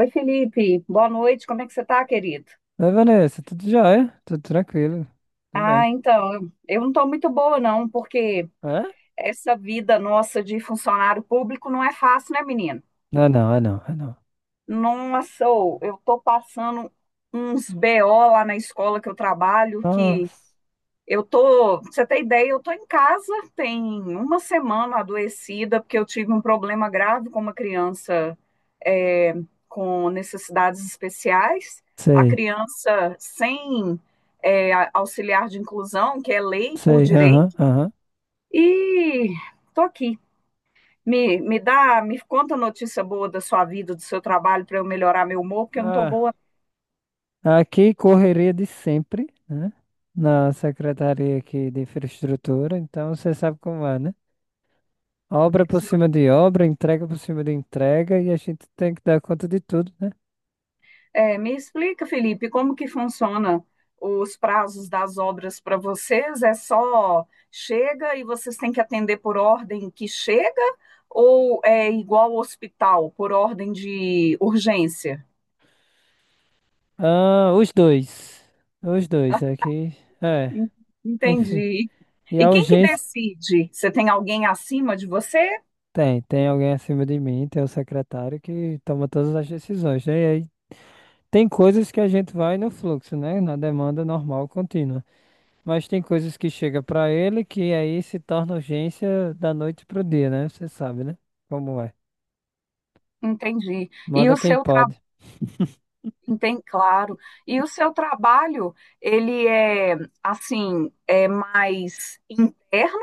Oi, Felipe. Boa noite. Como é que você tá, querido? Oi, Vanessa, tudo jóia? Tudo tranquilo, tudo Ah, bem. então, eu não tô muito boa, não, porque Hã? essa vida nossa de funcionário público não é fácil, né, menino? Ah, não, ah, não, ah, não. Nossa, ô, eu tô passando uns BO lá na escola que eu trabalho. que Nossa, Eu tô, pra você ter ideia, eu tô em casa tem uma semana adoecida, porque eu tive um problema grave com uma criança é, com necessidades especiais. A sei, criança sem auxiliar de inclusão, que é lei por sei, aham, direito, aham. e tô aqui. Me conta notícia boa da sua vida, do seu trabalho, para eu melhorar meu humor, porque eu não tô Ah, boa. Aqui, correria de sempre, né? Na secretaria aqui de infraestrutura, então você sabe como é, né? Obra por cima de obra, entrega por cima de entrega, e a gente tem que dar conta de tudo, né? É, me explica, Felipe, como que funciona os prazos das obras para vocês? É só chega e vocês têm que atender por ordem que chega ou é igual ao hospital, por ordem de urgência? Ah, os dois Ah, aqui, é, en- enfim. Entendi. E E a quem que urgência. decide? Você tem alguém acima de você? Tem alguém acima de mim, tem o secretário que toma todas as decisões, né? E aí tem coisas que a gente vai no fluxo, né? Na demanda normal, contínua. Mas tem coisas que chega para ele que aí se torna urgência da noite pro dia, né? Você sabe, né? Como é. Entendi. E Manda o quem seu trabalho, pode. tem, claro. E o seu trabalho, ele é assim, é mais interno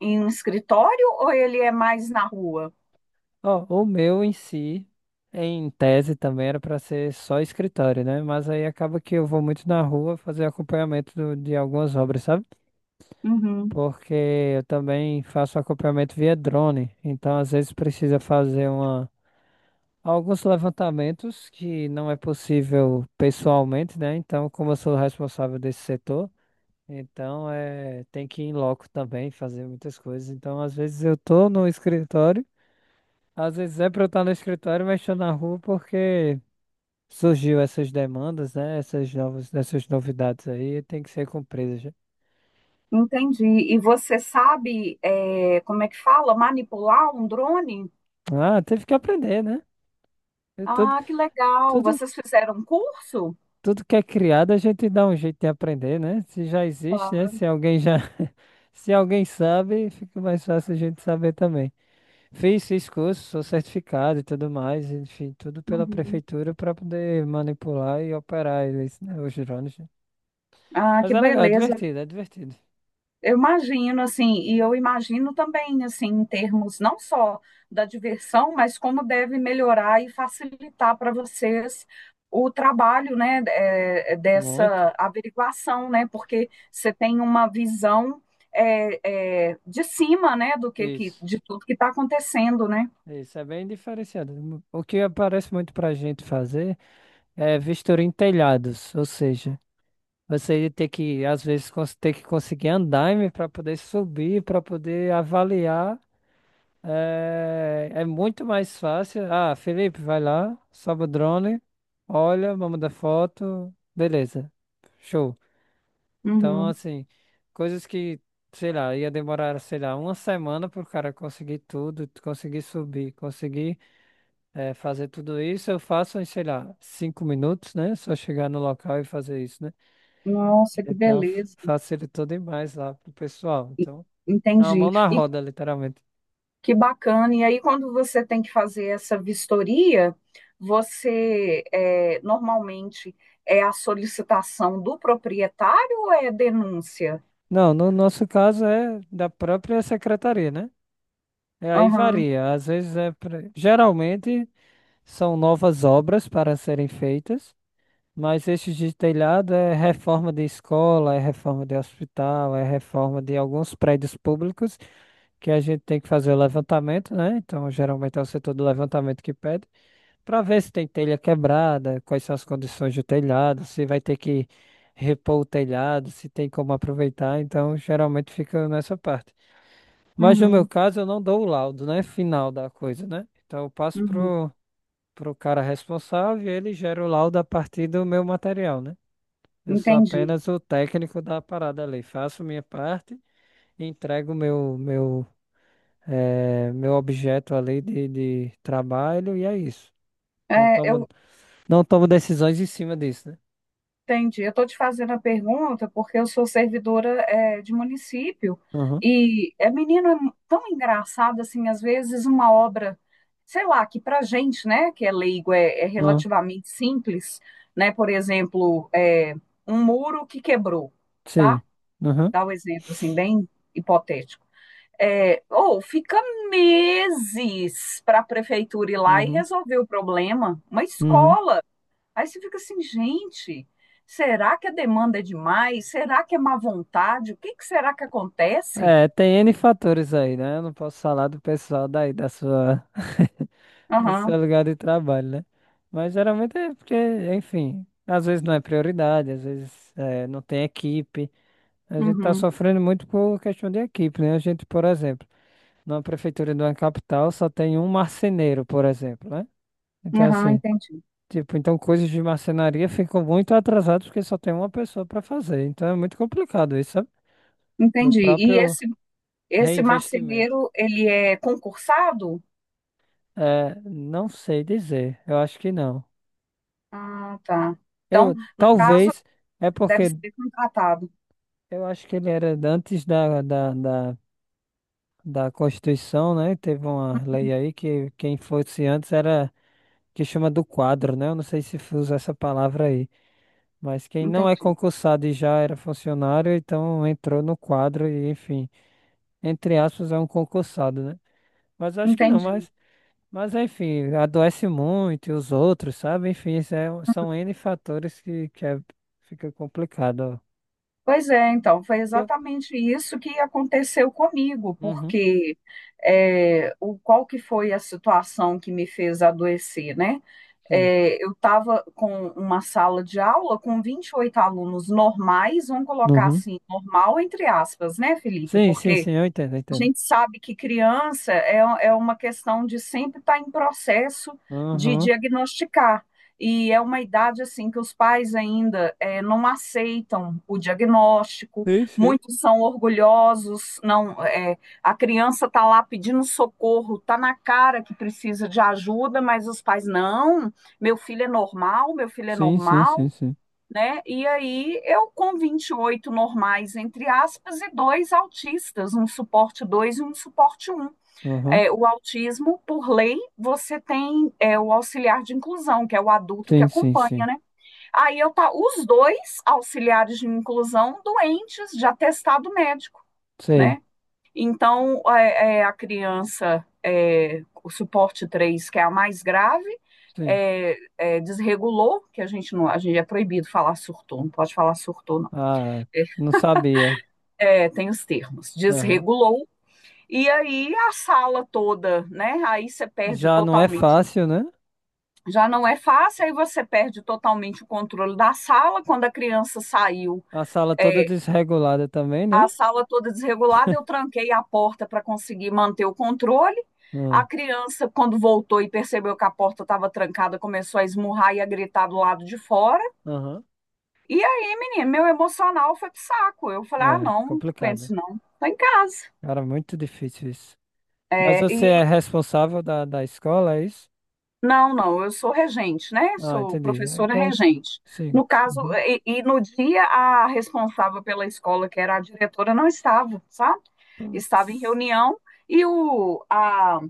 em um escritório ou ele é mais na rua? Ó, o meu em si, em tese também era para ser só escritório, né? Mas aí acaba que eu vou muito na rua fazer acompanhamento de algumas obras, sabe? Uhum. Porque eu também faço acompanhamento via drone, então às vezes precisa fazer uma, alguns levantamentos que não é possível pessoalmente, né? Então, como eu sou o responsável desse setor, então é, tem que ir em loco também, fazer muitas coisas. Então, às vezes eu tô no escritório, às vezes é para eu estar no escritório, mas estou na rua porque surgiu essas demandas, né? Essas novas, essas novidades aí, tem que ser cumpridas. Já. Entendi. E você sabe, como é que fala? Manipular um drone? Ah, teve que aprender, né? Eu tô- Ah, que legal. Tudo, Vocês fizeram um curso? tudo que é criado, a gente dá um jeito de aprender, né? Se já existe, né? Se alguém já. Se alguém sabe, fica mais fácil a gente saber também. Fiz curso, sou certificado e tudo mais, enfim, tudo pela Uhum. prefeitura para poder manipular e operar eles, né? Os drones. Né? Ah, Mas que é legal, é beleza. divertido, é divertido. Eu imagino, assim, e eu imagino também, assim, em termos não só da diversão, mas como deve melhorar e facilitar para vocês o trabalho, né, Muito. dessa averiguação, né, porque você tem uma visão de cima, né, do que Isso. de tudo que está acontecendo, né? Isso é bem diferenciado. O que aparece muito para a gente fazer é vistoria em telhados, ou seja, você ia ter que, às vezes, ter que conseguir andaime para poder subir, para poder avaliar. É, é muito mais fácil. Ah, Felipe, vai lá, sobe o drone, olha, vamos dar foto, beleza, show. Então, Uhum. assim, coisas que, sei lá, ia demorar, sei lá, uma semana para o cara conseguir tudo, conseguir subir, conseguir é, fazer tudo isso, eu faço em, sei lá, cinco minutos, né? Só chegar no local e fazer isso, né? Nossa, que Então beleza. facilitou demais lá pro pessoal. E- Então, é uma Entendi. mão na roda, literalmente. Que bacana. E aí, quando você tem que fazer essa vistoria, você normalmente é a solicitação do proprietário ou é denúncia? Não, no nosso caso é da própria secretaria, né? É, aí Aham, varia. Às vezes é. Geralmente são novas obras para serem feitas, mas estes de telhado é reforma de escola, é reforma de hospital, é reforma de alguns prédios públicos que a gente tem que fazer o levantamento, né? Então, geralmente é o setor do levantamento que pede. Para ver se tem telha quebrada, quais são as condições do telhado, se vai ter que repor o telhado, se tem como aproveitar. Então, geralmente fica nessa parte. Mas no meu uhum, caso, eu não dou o laudo, né? Final da coisa, né? Então, eu passo uhum. pro, pro cara responsável e ele gera o laudo a partir do meu material, né? Eu sou Entendi. apenas o técnico da parada ali. Faço minha parte e entrego meu objeto ali de trabalho e é isso. Não É, eu tomo Não tomo decisões em cima disso, né? Entendi. Eu estou te fazendo a pergunta porque eu sou servidora, de município Aham, e é menino é tão engraçado assim, às vezes uma obra, sei lá, que para gente, né, que é leigo, é, aham, relativamente simples, né? Por exemplo, um muro que quebrou, sim. tá? Aham, Dá um exemplo assim bem hipotético. É, ou fica meses para a prefeitura ir lá e uhum, resolver o problema. Uma uhum. escola. Aí você fica assim, gente, será que a demanda é demais? Será que é má vontade? O que que será que acontece? É, tem N fatores aí, né? Eu não posso falar do pessoal daí, do Aham, seu lugar de trabalho, né? Mas geralmente é porque, enfim, às vezes não é prioridade, às vezes é, não tem equipe. A gente tá uhum, sofrendo muito por questão de equipe, né? A gente, por exemplo, numa prefeitura de uma capital só tem um marceneiro, por exemplo, né? Então, aham, assim. entendi. Tipo, então coisas de marcenaria ficam muito atrasadas porque só tem uma pessoa para fazer. Então é muito complicado isso, sabe? Do Entendi. E próprio esse reinvestimento. marceneiro, ele é concursado? É, não sei dizer. Eu acho que não. Ah, tá. Eu Então, no caso, talvez É deve porque ser contratado. eu acho que ele era antes da Constituição, né? Teve uma lei aí que quem fosse antes era que chama do quadro, né? Eu não sei se usa essa palavra aí, mas quem não é Entendi, concursado e já era funcionário, então entrou no quadro e enfim. Entre aspas, é um concursado, né? Mas acho que não, entendi. Mas enfim, adoece muito e os outros, sabe? Enfim, isso são N fatores fica complicado. Ó. Pois é, então, foi Eu? exatamente isso que aconteceu comigo, Uhum, porque qual que foi a situação que me fez adoecer, né? sim. É, eu estava com uma sala de aula com 28 alunos normais, vamos colocar Uhum. assim, normal entre aspas, né, Felipe? Sim, sim, Porque sim, eu entendo, eu a entendo. gente sabe que criança é uma questão de sempre estar em processo de Uhum. diagnosticar. E é uma idade assim que os pais ainda não aceitam o diagnóstico, Sim, sim. muitos são orgulhosos, não, a criança está lá pedindo socorro, está na cara que precisa de ajuda, mas os pais não, meu filho é normal, meu filho é Sim, sim, sim, normal, sim. né? E aí eu com 28 normais, entre aspas, e dois autistas, um suporte 2 e um suporte um. Uhum. É, o autismo, por lei, você tem, o auxiliar de inclusão, que é o adulto que Sim, sim, acompanha, sim. né? Aí eu tá os dois auxiliares de inclusão doentes de atestado médico. Né? Sei, Então, a criança, é, o suporte três, que é a mais grave, sim. Desregulou, que a gente não, a gente é proibido falar surtou, não pode falar surtou, não. Ah, não sabia. É, tem os termos, Aham. desregulou, e aí a sala toda, né? Aí você perde Já não é totalmente. fácil, né? Já não é fácil, aí você perde totalmente o controle da sala. Quando a criança saiu, A sala toda é, desregulada também, né? a sala toda desregulada, eu tranquei a porta para conseguir manter o controle. A Hum. criança, quando voltou e percebeu que a porta estava trancada, começou a esmurrar e a gritar do lado de fora. Aham. E aí, menino, meu emocional foi pro saco. Eu falei: ah, É, não, não aguento complicado. isso não. Tô em casa. Cara, muito difícil isso. Mas É, você é e responsável da escola, é isso? Não, não, eu sou regente, né? Ah, Sou entendi. É professora como... regente. Sim. No caso, Uhum. e no dia a responsável pela escola, que era a diretora, não estava, sabe? Estava em reunião e o, a,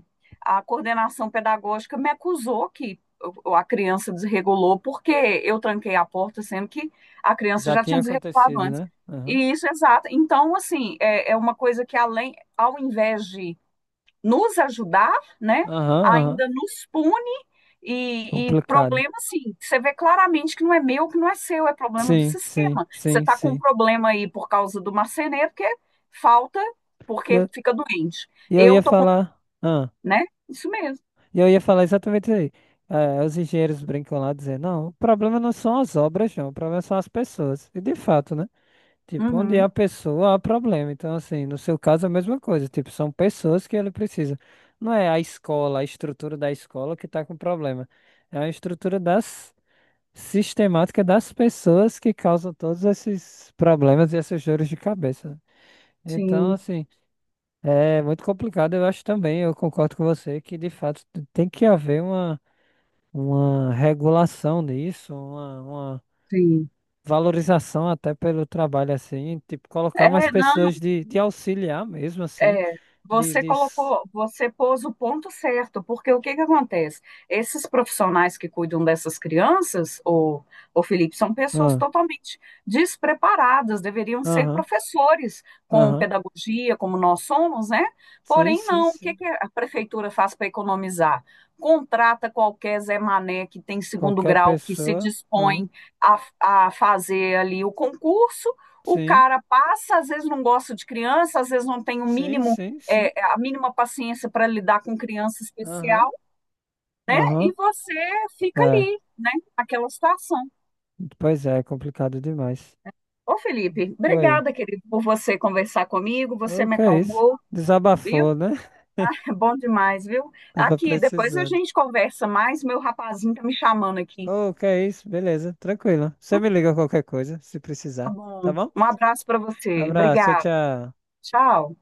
a coordenação pedagógica me acusou que a criança desregulou porque eu tranquei a porta, sendo que a criança Já já tinha tinha desregulado acontecido, antes. né? Aham, E isso, exato. Então, assim, é uma coisa que além, ao invés de nos ajudar, né? aham, aham. Ainda nos pune e Complicado. problema, assim, você vê claramente que não é meu, que não é seu, é problema do Sim, sim, sistema. Você sim, está com um sim. problema aí por causa do marceneiro, porque falta, E porque eu, fica doente. e eu ia Eu tô com, falar. Ah, né? Isso mesmo. e eu ia falar exatamente isso aí. Eh, os engenheiros brincam lá dizendo, não, o problema não são as obras, não, o problema são as pessoas. E de fato, né? Tipo, onde Uhum, há pessoa, há problema. Então, assim, no seu caso é a mesma coisa. Tipo, são pessoas que ele precisa. Não é a escola, a estrutura da escola que está com problema. É a estrutura das sistemática das pessoas que causam todos esses problemas e essas dores de cabeça. Então, sim, assim, é muito complicado, eu acho também. Eu concordo com você que, de fato, tem que haver uma regulação disso, uma sim. valorização até pelo trabalho assim, tipo, colocar mais É, não, pessoas de auxiliar mesmo assim, é, de, você de... s- colocou, você pôs o ponto certo, porque o que que acontece? Esses profissionais que cuidam dessas crianças, o Felipe, são pessoas Ah, totalmente despreparadas, deveriam ser aham, professores com aham. pedagogia, como nós somos, né? Sim, Porém, sim, não. O que sim. que a prefeitura faz para economizar? Contrata qualquer Zé Mané que tem segundo Qualquer grau, que se pessoa, aham. dispõe a, a fazer ali o concurso, o Sim, cara passa, às vezes não gosta de criança, às vezes não tem o sim, mínimo, sim, sim. A mínima paciência para lidar com criança Aham, especial, né? E aham. você fica É, ali, né? Naquela situação. pois é, é complicado demais. Ô, Felipe, Oi, obrigada, querido, por você conversar comigo, você o me que é isso? acalmou, viu? Desabafou, né? É bom demais, viu? Tava Aqui, depois a precisando. gente conversa mais, meu rapazinho tá me chamando aqui. Ô, que é isso? Beleza, tranquilo. Você me liga qualquer coisa, se Tá precisar, tá bom. bom? Um abraço para você. Abraço, tchau, Obrigada. tchau. Tchau.